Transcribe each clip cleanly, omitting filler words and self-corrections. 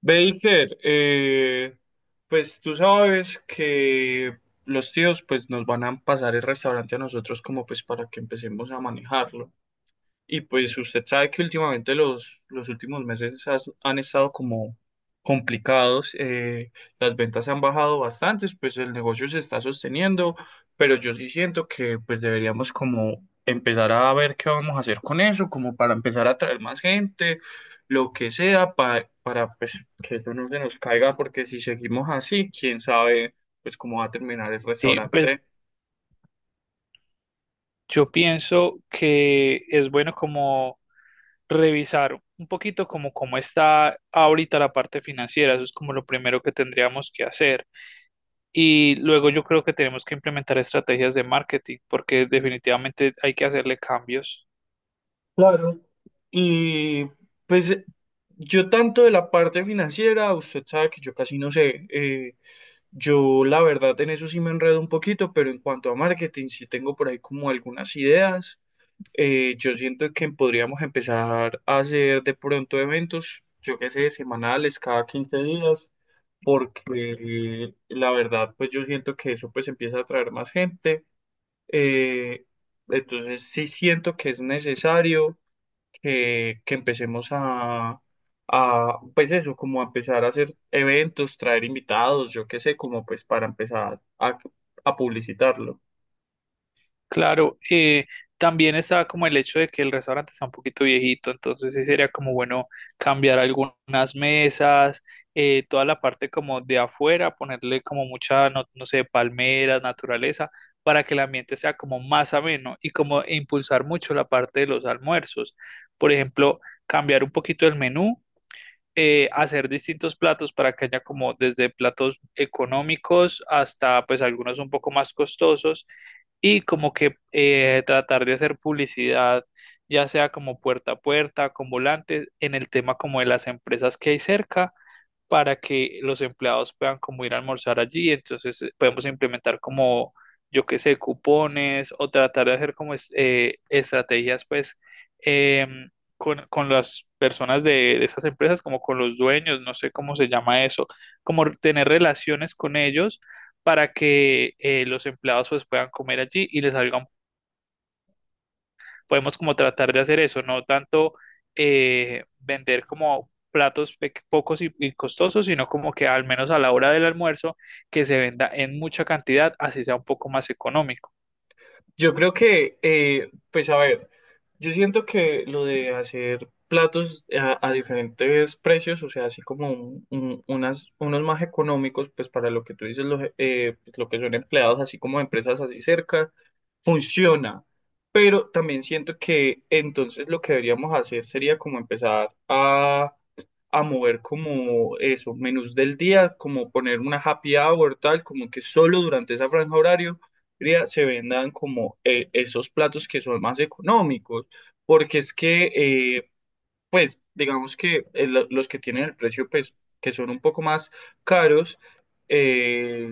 Baker, pues tú sabes que los tíos pues nos van a pasar el restaurante a nosotros como pues para que empecemos a manejarlo. Y pues usted sabe que últimamente los últimos meses han estado como complicados, las ventas han bajado bastante, pues el negocio se está sosteniendo, pero yo sí siento que pues deberíamos como empezar a ver qué vamos a hacer con eso, como para empezar a atraer más gente, lo que sea, para pues que eso no se nos caiga, porque si seguimos así, quién sabe pues cómo va a terminar el Sí, pues restaurante. yo pienso que es bueno como revisar un poquito como cómo está ahorita la parte financiera, eso es como lo primero que tendríamos que hacer. Y luego yo creo que tenemos que implementar estrategias de marketing porque definitivamente hay que hacerle cambios. Claro. Y pues yo tanto de la parte financiera, usted sabe que yo casi no sé, yo la verdad en eso sí me enredo un poquito, pero en cuanto a marketing sí tengo por ahí como algunas ideas. Yo siento que podríamos empezar a hacer de pronto eventos, yo qué sé, semanales, cada 15 días, porque la verdad pues yo siento que eso pues empieza a atraer más gente. Eh, entonces sí siento que es necesario que empecemos pues eso, como a empezar a hacer eventos, traer invitados, yo qué sé, como pues para empezar a publicitarlo. Claro, también está como el hecho de que el restaurante está un poquito viejito, entonces sí sería como bueno cambiar algunas mesas, toda la parte como de afuera, ponerle como mucha, no, no sé, palmeras, naturaleza, para que el ambiente sea como más ameno y como impulsar mucho la parte de los almuerzos. Por ejemplo, cambiar un poquito el menú hacer distintos platos para que haya como desde platos económicos hasta pues algunos un poco más costosos y como que tratar de hacer publicidad, ya sea como puerta a puerta, con volantes, en el tema como de las empresas que hay cerca para que los empleados puedan como ir a almorzar allí. Entonces podemos implementar como, yo qué sé, cupones o tratar de hacer como estrategias pues em, con las personas de estas empresas, como con los dueños, no sé cómo se llama eso, como tener relaciones con ellos para que los empleados pues puedan comer allí y les salga un podemos como tratar de hacer eso, no tanto vender como platos pocos y costosos, sino como que al menos a la hora del almuerzo que se venda en mucha cantidad, así sea un poco más económico. Yo creo que, pues a ver, yo siento que lo de hacer platos a diferentes precios, o sea, así como unos más económicos, pues para lo que tú dices, lo, pues, lo que son empleados, así como empresas así cerca, funciona. Pero también siento que entonces lo que deberíamos hacer sería como empezar a mover como eso, menús del día, como poner una happy hour, tal, como que solo durante esa franja horario Cría se vendan como esos platos que son más económicos, porque es que pues digamos que los que tienen el precio, pues que son un poco más caros, eh,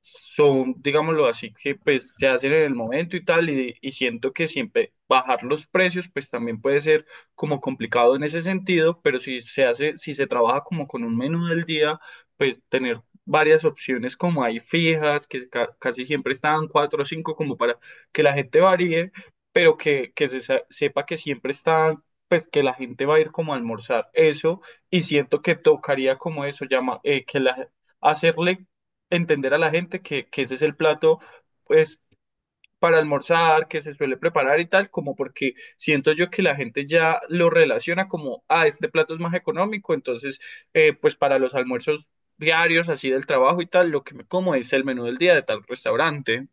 son, digámoslo así, que pues se hacen en el momento y tal, y siento que siempre bajar los precios, pues también puede ser como complicado en ese sentido, pero si se hace, si se trabaja como con un menú del día, pues tener varias opciones como hay fijas, que casi siempre están cuatro o cinco como para que la gente varíe. Pero que se sepa que siempre están, pues que la gente va a ir como a almorzar eso. Y siento que tocaría como eso, llama, que la, hacerle entender a la gente que ese es el plato pues para almorzar, que se suele preparar y tal, como porque siento yo que la gente ya lo relaciona como, ah, este plato es más económico, entonces pues para los almuerzos diarios así del trabajo y tal, lo que me como es el menú del día de tal restaurante.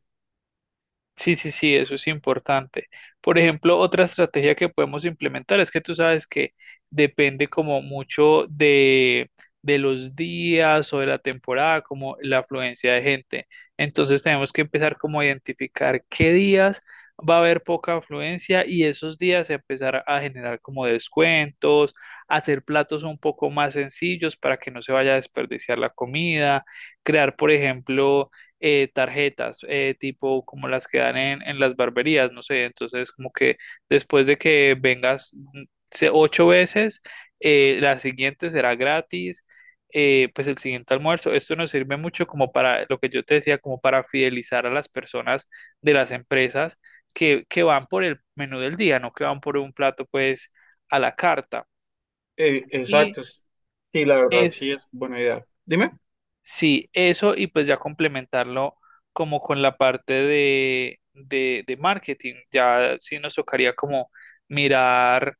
Sí, sí, sí, eso es importante. Por ejemplo, otra estrategia que podemos implementar es que tú sabes que depende como mucho de los días o de la temporada, como la afluencia de gente. Entonces tenemos que empezar como a identificar qué días va a haber poca afluencia y esos días empezar a generar como descuentos, hacer platos un poco más sencillos para que no se vaya a desperdiciar la comida, crear, por ejemplo, tarjetas, tipo como las que dan en las barberías, no sé, entonces como que después de que vengas ocho veces, la siguiente será gratis, pues el siguiente almuerzo, esto nos sirve mucho como para lo que yo te decía, como para fidelizar a las personas de las empresas que van por el menú del día, no que van por un plato pues a la carta. Y Exacto. Sí, la verdad sí es... es buena idea. Dime. Sí, eso y pues ya complementarlo como con la parte de marketing. Ya sí nos tocaría como mirar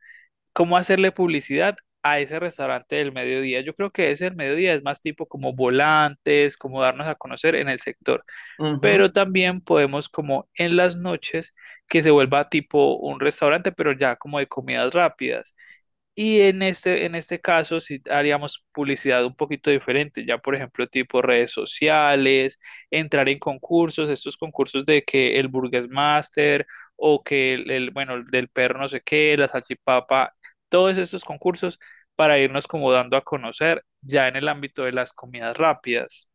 cómo hacerle publicidad a ese restaurante del mediodía. Yo creo que ese del mediodía es más tipo como volantes, como darnos a conocer en el sector. Ujú. Pero también podemos como en las noches que se vuelva tipo un restaurante, pero ya como de comidas rápidas. Y en en este caso, si haríamos publicidad un poquito diferente, ya por ejemplo, tipo redes sociales, entrar en concursos, estos concursos de que el Burgers Master o que bueno, el del perro no sé qué, la salchipapa, todos estos concursos para irnos como dando a conocer ya en el ámbito de las comidas rápidas.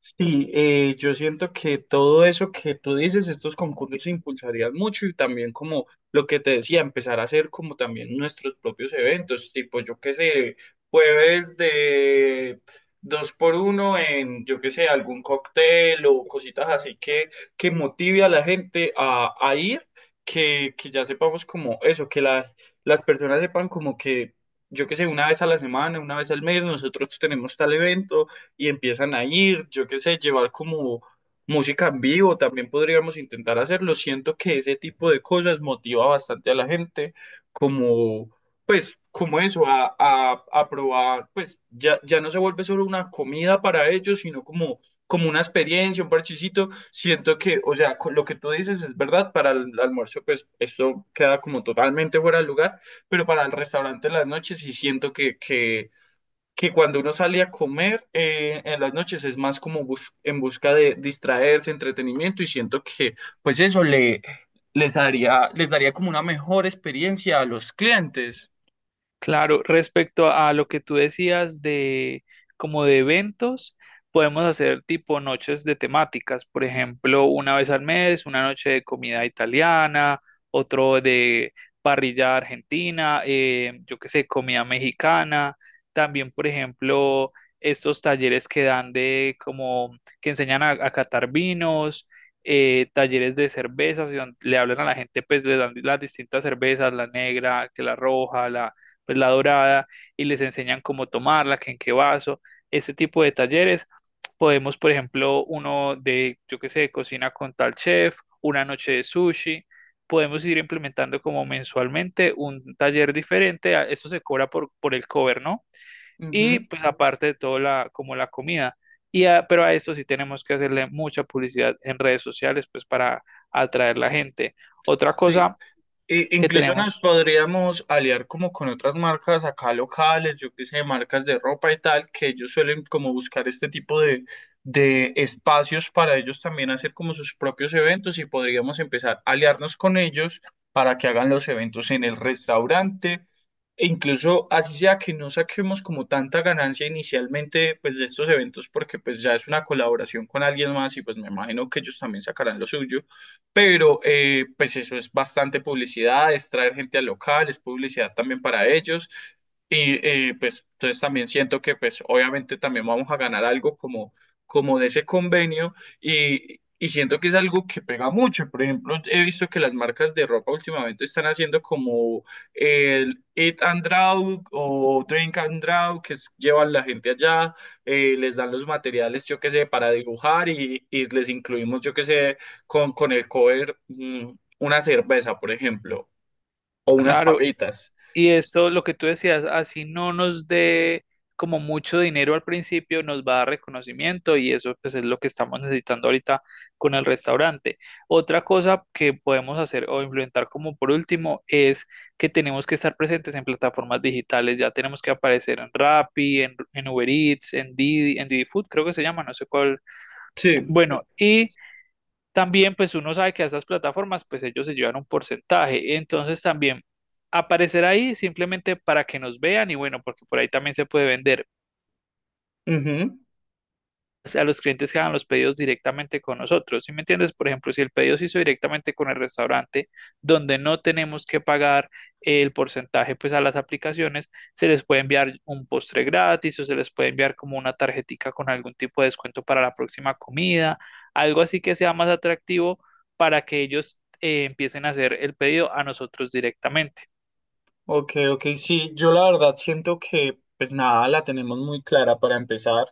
Sí, yo siento que todo eso que tú dices, estos concursos impulsarían mucho y también como lo que te decía, empezar a hacer como también nuestros propios eventos, tipo yo qué sé, jueves de dos por uno en yo qué sé, algún cóctel o cositas así que motive a la gente a ir, que ya sepamos como eso, que las personas sepan como que yo qué sé, una vez a la semana, una vez al mes, nosotros tenemos tal evento y empiezan a ir, yo qué sé, llevar como música en vivo, también podríamos intentar hacerlo. Siento que ese tipo de cosas motiva bastante a la gente, como, pues, como eso, a probar, pues ya, ya no se vuelve solo una comida para ellos, sino como, como una experiencia, un parchecito. Siento que, o sea, con lo que tú dices es verdad, para el almuerzo, pues esto queda como totalmente fuera de lugar, pero para el restaurante en las noches sí siento que que cuando uno sale a comer en las noches es más como en busca de distraerse, entretenimiento y siento que pues eso le les daría como una mejor experiencia a los clientes. Claro, respecto a lo que tú decías de como de eventos, podemos hacer tipo noches de temáticas, por ejemplo, una vez al mes, una noche de comida italiana, otro de parrilla argentina, yo qué sé, comida mexicana, también, por ejemplo, estos talleres que dan de como que enseñan a catar vinos. Talleres de cervezas, y le hablan a la gente, pues le dan las distintas cervezas, la negra, que la roja, la, pues, la dorada y les enseñan cómo tomarla, que en qué vaso, este tipo de talleres. Podemos, por ejemplo, uno de, yo qué sé, cocina con tal chef, una noche de sushi. Podemos ir implementando como mensualmente un taller diferente. Eso se cobra por el cover, ¿no? Y Ujú. pues aparte de todo, la, como la comida. Pero a esto sí tenemos que hacerle mucha publicidad en redes sociales, pues para atraer la gente. Otra Sí. cosa que Incluso nos tenemos, podríamos aliar como con otras marcas acá locales, yo qué sé, marcas de ropa y tal, que ellos suelen como buscar este tipo de espacios para ellos también hacer como sus propios eventos y podríamos empezar a aliarnos con ellos para que hagan los eventos en el restaurante. E incluso así sea que no saquemos como tanta ganancia inicialmente pues de estos eventos porque pues ya es una colaboración con alguien más y pues me imagino que ellos también sacarán lo suyo, pero pues eso es bastante publicidad, es traer gente al local, es publicidad también para ellos. Y pues entonces también siento que pues obviamente también vamos a ganar algo como, como de ese convenio y siento que es algo que pega mucho. Por ejemplo, he visto que las marcas de ropa últimamente están haciendo como el Eat and Draw o Drink and Draw, que llevan la gente allá, les dan los materiales, yo qué sé, para dibujar y les incluimos, yo qué sé, con el cover una cerveza, por ejemplo, o unas claro, papitas. y esto, lo que tú decías, así no nos dé como mucho dinero al principio, nos va a dar reconocimiento y eso pues es lo que estamos necesitando ahorita con el restaurante. Otra cosa que podemos hacer o implementar como por último es que tenemos que estar presentes en plataformas digitales, ya tenemos que aparecer en Rappi, en Uber Eats, en Didi Food, creo que se llama, no sé cuál. Sí, Bueno, y también, pues uno sabe que a estas plataformas, pues ellos se llevan un porcentaje. Entonces también aparecer ahí simplemente para que nos vean y bueno, porque por ahí también se puede vender ujú. pues, a los clientes que hagan los pedidos directamente con nosotros. ¿Sí me entiendes? Por ejemplo, si el pedido se hizo directamente con el restaurante, donde no tenemos que pagar el porcentaje pues a las aplicaciones, se les puede enviar un postre gratis o se les puede enviar como una tarjetica con algún tipo de descuento para la próxima comida, algo así que sea más atractivo para que ellos empiecen a hacer el pedido a nosotros directamente. Ok, ok, sí, yo la verdad siento que, pues nada, la tenemos muy clara para empezar.